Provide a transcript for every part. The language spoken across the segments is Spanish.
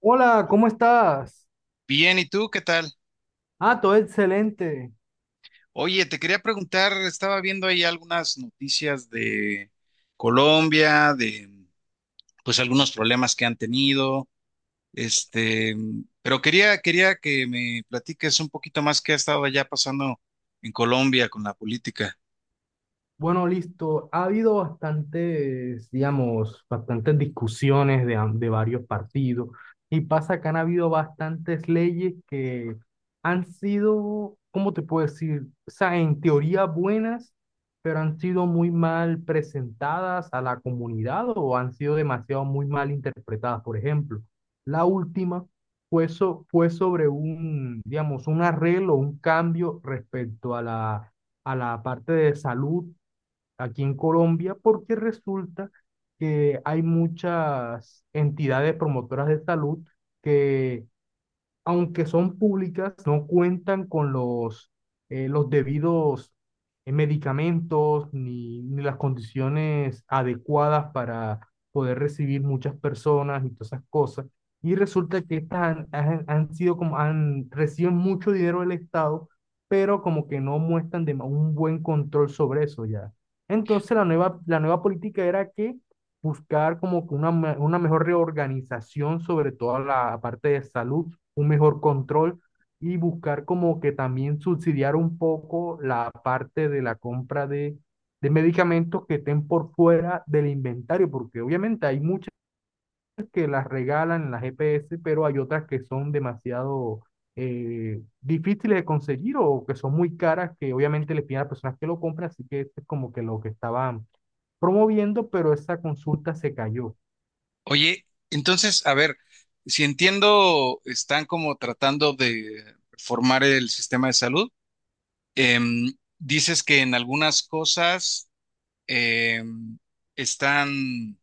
Hola, ¿cómo estás? Bien, ¿y tú qué tal? Ah, todo excelente. Oye, te quería preguntar, estaba viendo ahí algunas noticias de Colombia, de pues algunos problemas que han tenido, este, pero quería que me platiques un poquito más qué ha estado allá pasando en Colombia con la política. Bueno, listo. Ha habido bastantes, digamos, bastantes discusiones de varios partidos y pasa que han habido bastantes leyes que han sido, ¿cómo te puedo decir? O sea, en teoría buenas, pero han sido muy mal presentadas a la comunidad o han sido demasiado muy mal interpretadas. Por ejemplo, la última fue sobre un, digamos, un arreglo, un cambio respecto a la parte de salud aquí en Colombia porque resulta que hay muchas entidades promotoras de salud que aunque son públicas, no cuentan con los debidos medicamentos ni las condiciones adecuadas para poder recibir muchas personas y todas esas cosas. Y resulta que estas han, han- han sido como, han, reciben mucho dinero del Estado, pero como que no muestran un buen control sobre eso ya. Entonces la nueva política era que buscar como que una mejor reorganización sobre toda la parte de salud un mejor control y buscar como que también subsidiar un poco la parte de la compra de medicamentos que estén por fuera del inventario, porque obviamente hay muchas que las regalan en las EPS, pero hay otras que son demasiado difíciles de conseguir o que son muy caras, que obviamente les piden a las personas que lo compran, así que esto es como que lo que estaban promoviendo, pero esa consulta se cayó. Oye, entonces, a ver, si entiendo, están como tratando de reformar el sistema de salud. Em, Dices que en algunas cosas em, están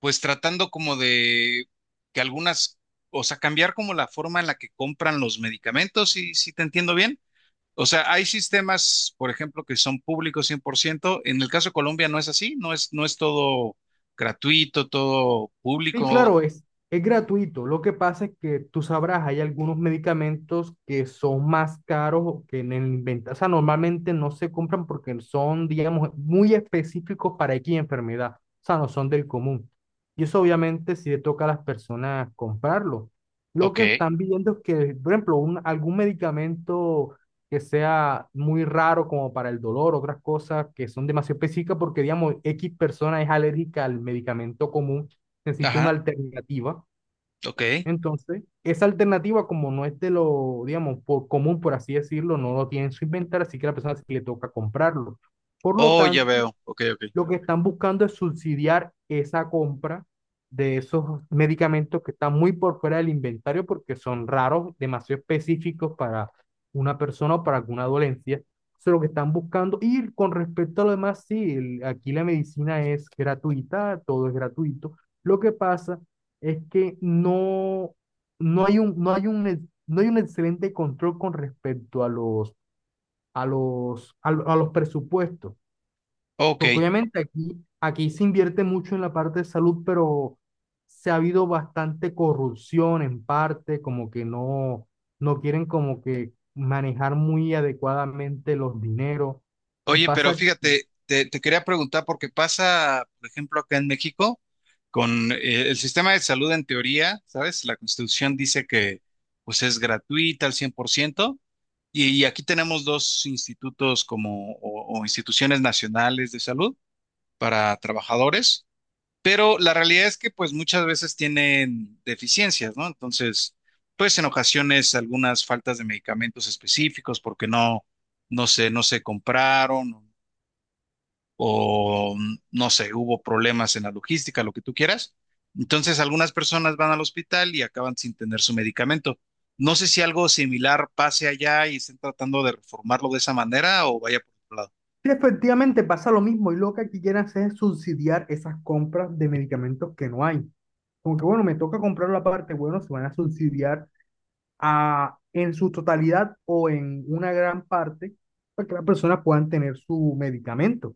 pues tratando como de que algunas, o sea, cambiar como la forma en la que compran los medicamentos, si te entiendo bien. O sea, hay sistemas, por ejemplo, que son públicos 100%. En el caso de Colombia no es así, no es todo gratuito, todo Sí, público. claro, es gratuito. Lo que pasa es que tú sabrás, hay algunos medicamentos que son más caros o que en el inventario. O sea, normalmente no se compran porque son, digamos, muy específicos para X enfermedad. O sea, no son del común. Y eso obviamente sí le toca a las personas comprarlo. Lo que Ok. están viendo es que, por ejemplo, algún medicamento que sea muy raro como para el dolor, otras cosas que son demasiado específicas porque, digamos, X persona es alérgica al medicamento común necesita una Ajá, alternativa. ok. Entonces, esa alternativa, como no es de lo, digamos, por común, por así decirlo, no lo tiene en su inventario, así que a la persona sí le toca comprarlo. Por lo Oh, ya tanto, veo. Ok, ok. lo que están buscando es subsidiar esa compra de esos medicamentos que están muy por fuera del inventario porque son raros, demasiado específicos para una persona o para alguna dolencia. Eso es lo que están buscando. Y con respecto a lo demás, sí, aquí la medicina es gratuita, todo es gratuito. Lo que pasa es que no hay un, no hay un, no hay un excelente control con respecto a los, a los, a los presupuestos. Ok. Porque obviamente aquí se invierte mucho en la parte de salud, pero se ha habido bastante corrupción en parte, como que no quieren como que manejar muy adecuadamente los dineros. Y Oye, pero pasa, que- fíjate, te quería preguntar porque pasa, por ejemplo, acá en México, con el sistema de salud en teoría, ¿sabes? La Constitución dice que pues es gratuita al 100% y aquí tenemos dos institutos como o instituciones nacionales de salud para trabajadores, pero la realidad es que pues muchas veces tienen deficiencias, ¿no? Entonces, pues en ocasiones algunas faltas de medicamentos específicos porque no se compraron o no sé, hubo problemas en la logística, lo que tú quieras. Entonces, algunas personas van al hospital y acaban sin tener su medicamento. No sé si algo similar pase allá y estén tratando de reformarlo de esa manera o vaya por otro lado. sí, efectivamente pasa lo mismo, y lo que aquí quieren hacer es subsidiar esas compras de medicamentos que no hay. Como que bueno, me toca comprar la parte, bueno, se van a subsidiar en su totalidad o en una gran parte para que las personas puedan tener su medicamento.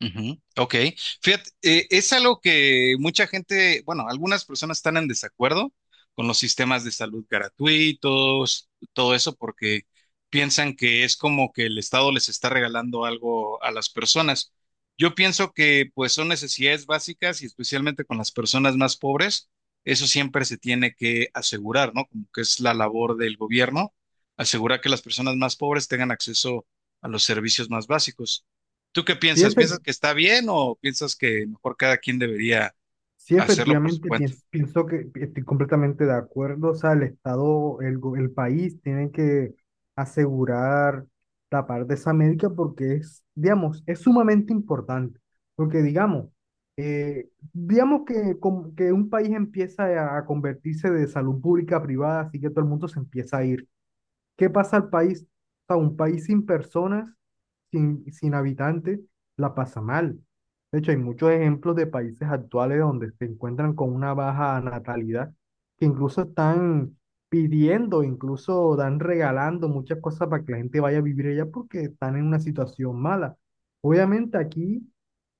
Ujú. Ok, fíjate, es algo que mucha gente, bueno, algunas personas están en desacuerdo con los sistemas de salud gratuitos, todo eso, porque piensan que es como que el Estado les está regalando algo a las personas. Yo pienso que pues son necesidades básicas y especialmente con las personas más pobres, eso siempre se tiene que asegurar, ¿no? Como que es la labor del gobierno, asegurar que las personas más pobres tengan acceso a los servicios más básicos. ¿Tú qué Sí, piensas? ¿Piensas efecti- que está bien o piensas que mejor cada quien debería sí, hacerlo por su efectivamente, cuenta? Pienso, que estoy completamente de acuerdo. O sea, el Estado, el país tienen que asegurar la parte de esa médica porque es, digamos, es sumamente importante. Porque, digamos, digamos que un país empieza a convertirse de salud pública a privada, así que todo el mundo se empieza a ir. ¿Qué pasa al país? O sea, un país sin personas, sin habitantes, la pasa mal. De hecho, hay muchos ejemplos de países actuales donde se encuentran con una baja natalidad, que incluso están pidiendo, incluso dan regalando muchas cosas para que la gente vaya a vivir allá porque están en una situación mala. Obviamente aquí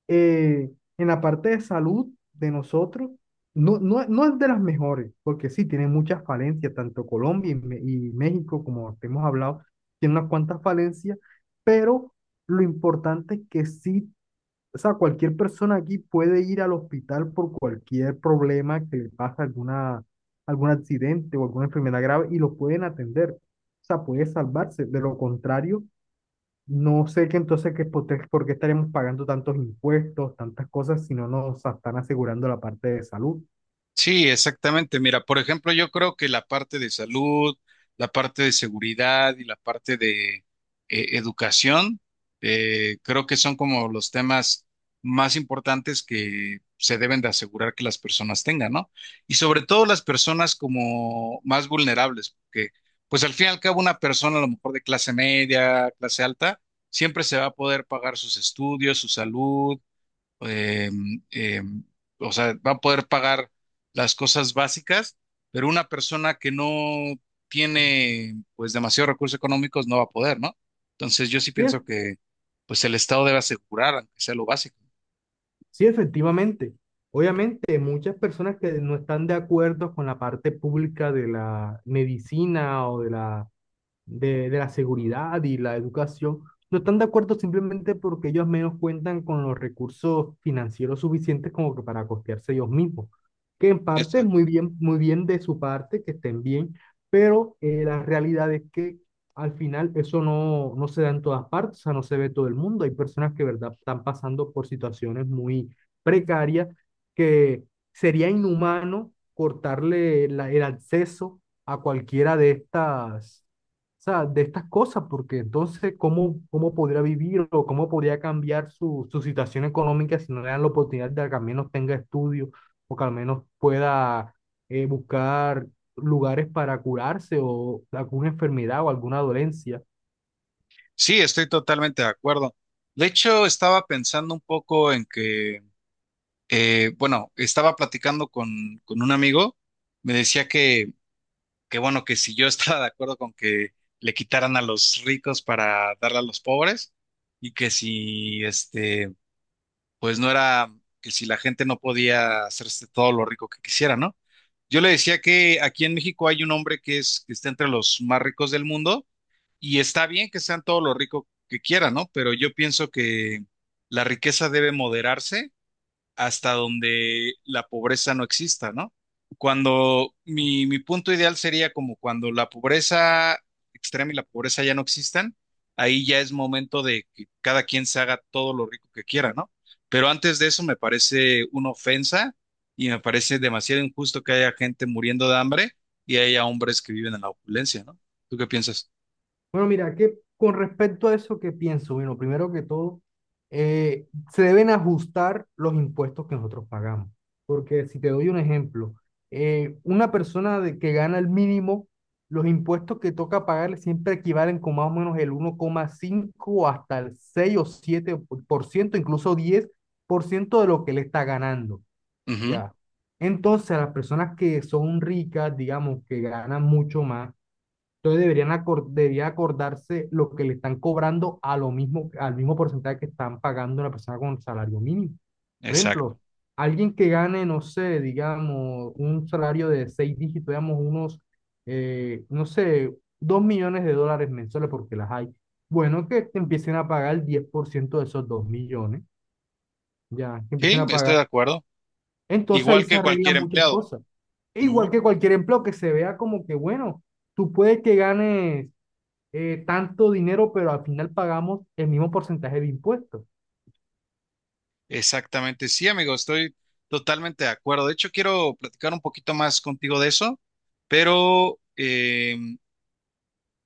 eh, en la parte de salud de nosotros, no es de las mejores, porque sí, tiene muchas falencias, tanto Colombia y México, como te hemos hablado, tiene unas cuantas falencias, pero lo importante es que sí, o sea, cualquier persona aquí puede ir al hospital por cualquier problema que le pase alguna, algún accidente o alguna enfermedad grave y lo pueden atender. O sea, puede salvarse. De lo contrario, no sé que entonces que por qué estaremos pagando tantos impuestos, tantas cosas, si no nos están asegurando la parte de salud. Sí, exactamente. Mira, por ejemplo, yo creo que la parte de salud, la parte de seguridad y la parte de educación, creo que son como los temas más importantes que se deben de asegurar que las personas tengan, ¿no? Y sobre todo las personas como más vulnerables, porque pues al fin y al cabo una persona a lo mejor de clase media, clase alta, siempre se va a poder pagar sus estudios, su salud eh, eh, o sea, va a poder pagar las cosas básicas, pero una persona que no tiene pues demasiados recursos económicos no va a poder, ¿no? Entonces yo sí Sí, es- pienso que pues el Estado debe asegurar, aunque sea lo básico. sí, efectivamente. Obviamente, muchas personas que no están de acuerdo con la parte pública de la medicina o de la de la seguridad y la educación, no están de acuerdo simplemente porque ellos menos cuentan con los recursos financieros suficientes como que para costearse ellos mismos. Que en parte es Exacto. Muy bien de su parte, que estén bien, pero la realidad es que al final eso no se da en todas partes, o sea, no se ve todo el mundo. Hay personas que, verdad, están pasando por situaciones muy precarias que sería inhumano cortarle el acceso a cualquiera de estas o sea, de estas cosas, porque entonces, ¿cómo podría vivir o cómo podría cambiar su situación económica si no le dan la oportunidad de que al menos tenga estudios o que al menos pueda buscar lugares para curarse o alguna enfermedad o alguna dolencia? Sí, estoy totalmente de acuerdo. De hecho, estaba pensando un poco en que, bueno, estaba platicando con un amigo, me decía que bueno, que si yo estaba de acuerdo con que le quitaran a los ricos para darle a los pobres y que si pues no era, que si la gente no podía hacerse todo lo rico que quisiera, ¿no? Yo le decía que aquí en México hay un hombre que es, que está entre los más ricos del mundo y está bien que sean todo lo rico que quieran, ¿no? Pero yo pienso que la riqueza debe moderarse hasta donde la pobreza no exista, ¿no? Cuando mi punto ideal sería como cuando la pobreza extrema y la pobreza ya no existan, ahí ya es momento de que cada quien se haga todo lo rico que quiera, ¿no? Pero antes de eso me parece una ofensa y me parece demasiado injusto que haya gente muriendo de hambre y haya hombres que viven en la opulencia, ¿no? ¿Tú qué piensas? Bueno, mira, que con respecto a eso, ¿qué pienso? Bueno, primero que todo, eh, se deben ajustar los impuestos que nosotros pagamos. Porque si te doy un ejemplo, una persona que gana el mínimo, los impuestos que toca pagarle siempre equivalen con más o menos el 1,5 hasta el 6 o 7% incluso 10% de lo que él está ganando, Ujú, ¿ya? Entonces, a las personas que son ricas, digamos, que ganan mucho más, entonces debería acordarse lo que le están cobrando a lo mismo, al mismo porcentaje que están pagando una persona con salario mínimo. Por ejemplo, exacto. alguien que gane, no sé, digamos, un salario de seis dígitos, digamos, unos, no sé, 2 millones de dólares mensuales, porque las hay. Bueno, que te empiecen a pagar el 10% de esos 2 millones, ya, que empiecen Sí, a estoy pagar. de acuerdo. Entonces ahí Igual se que arreglan cualquier muchas empleado. cosas. E igual Ujú. que cualquier empleo que se vea como que, bueno, tú puedes que ganes tanto dinero, pero al final pagamos el mismo porcentaje de impuestos. Exactamente, sí, amigo, estoy totalmente de acuerdo. De hecho, quiero platicar un poquito más contigo de eso, pero em,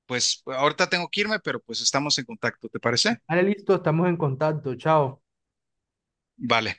pues ahorita tengo que irme, pero pues estamos en contacto, ¿te parece? Vale, listo, estamos en contacto. Chao. Vale.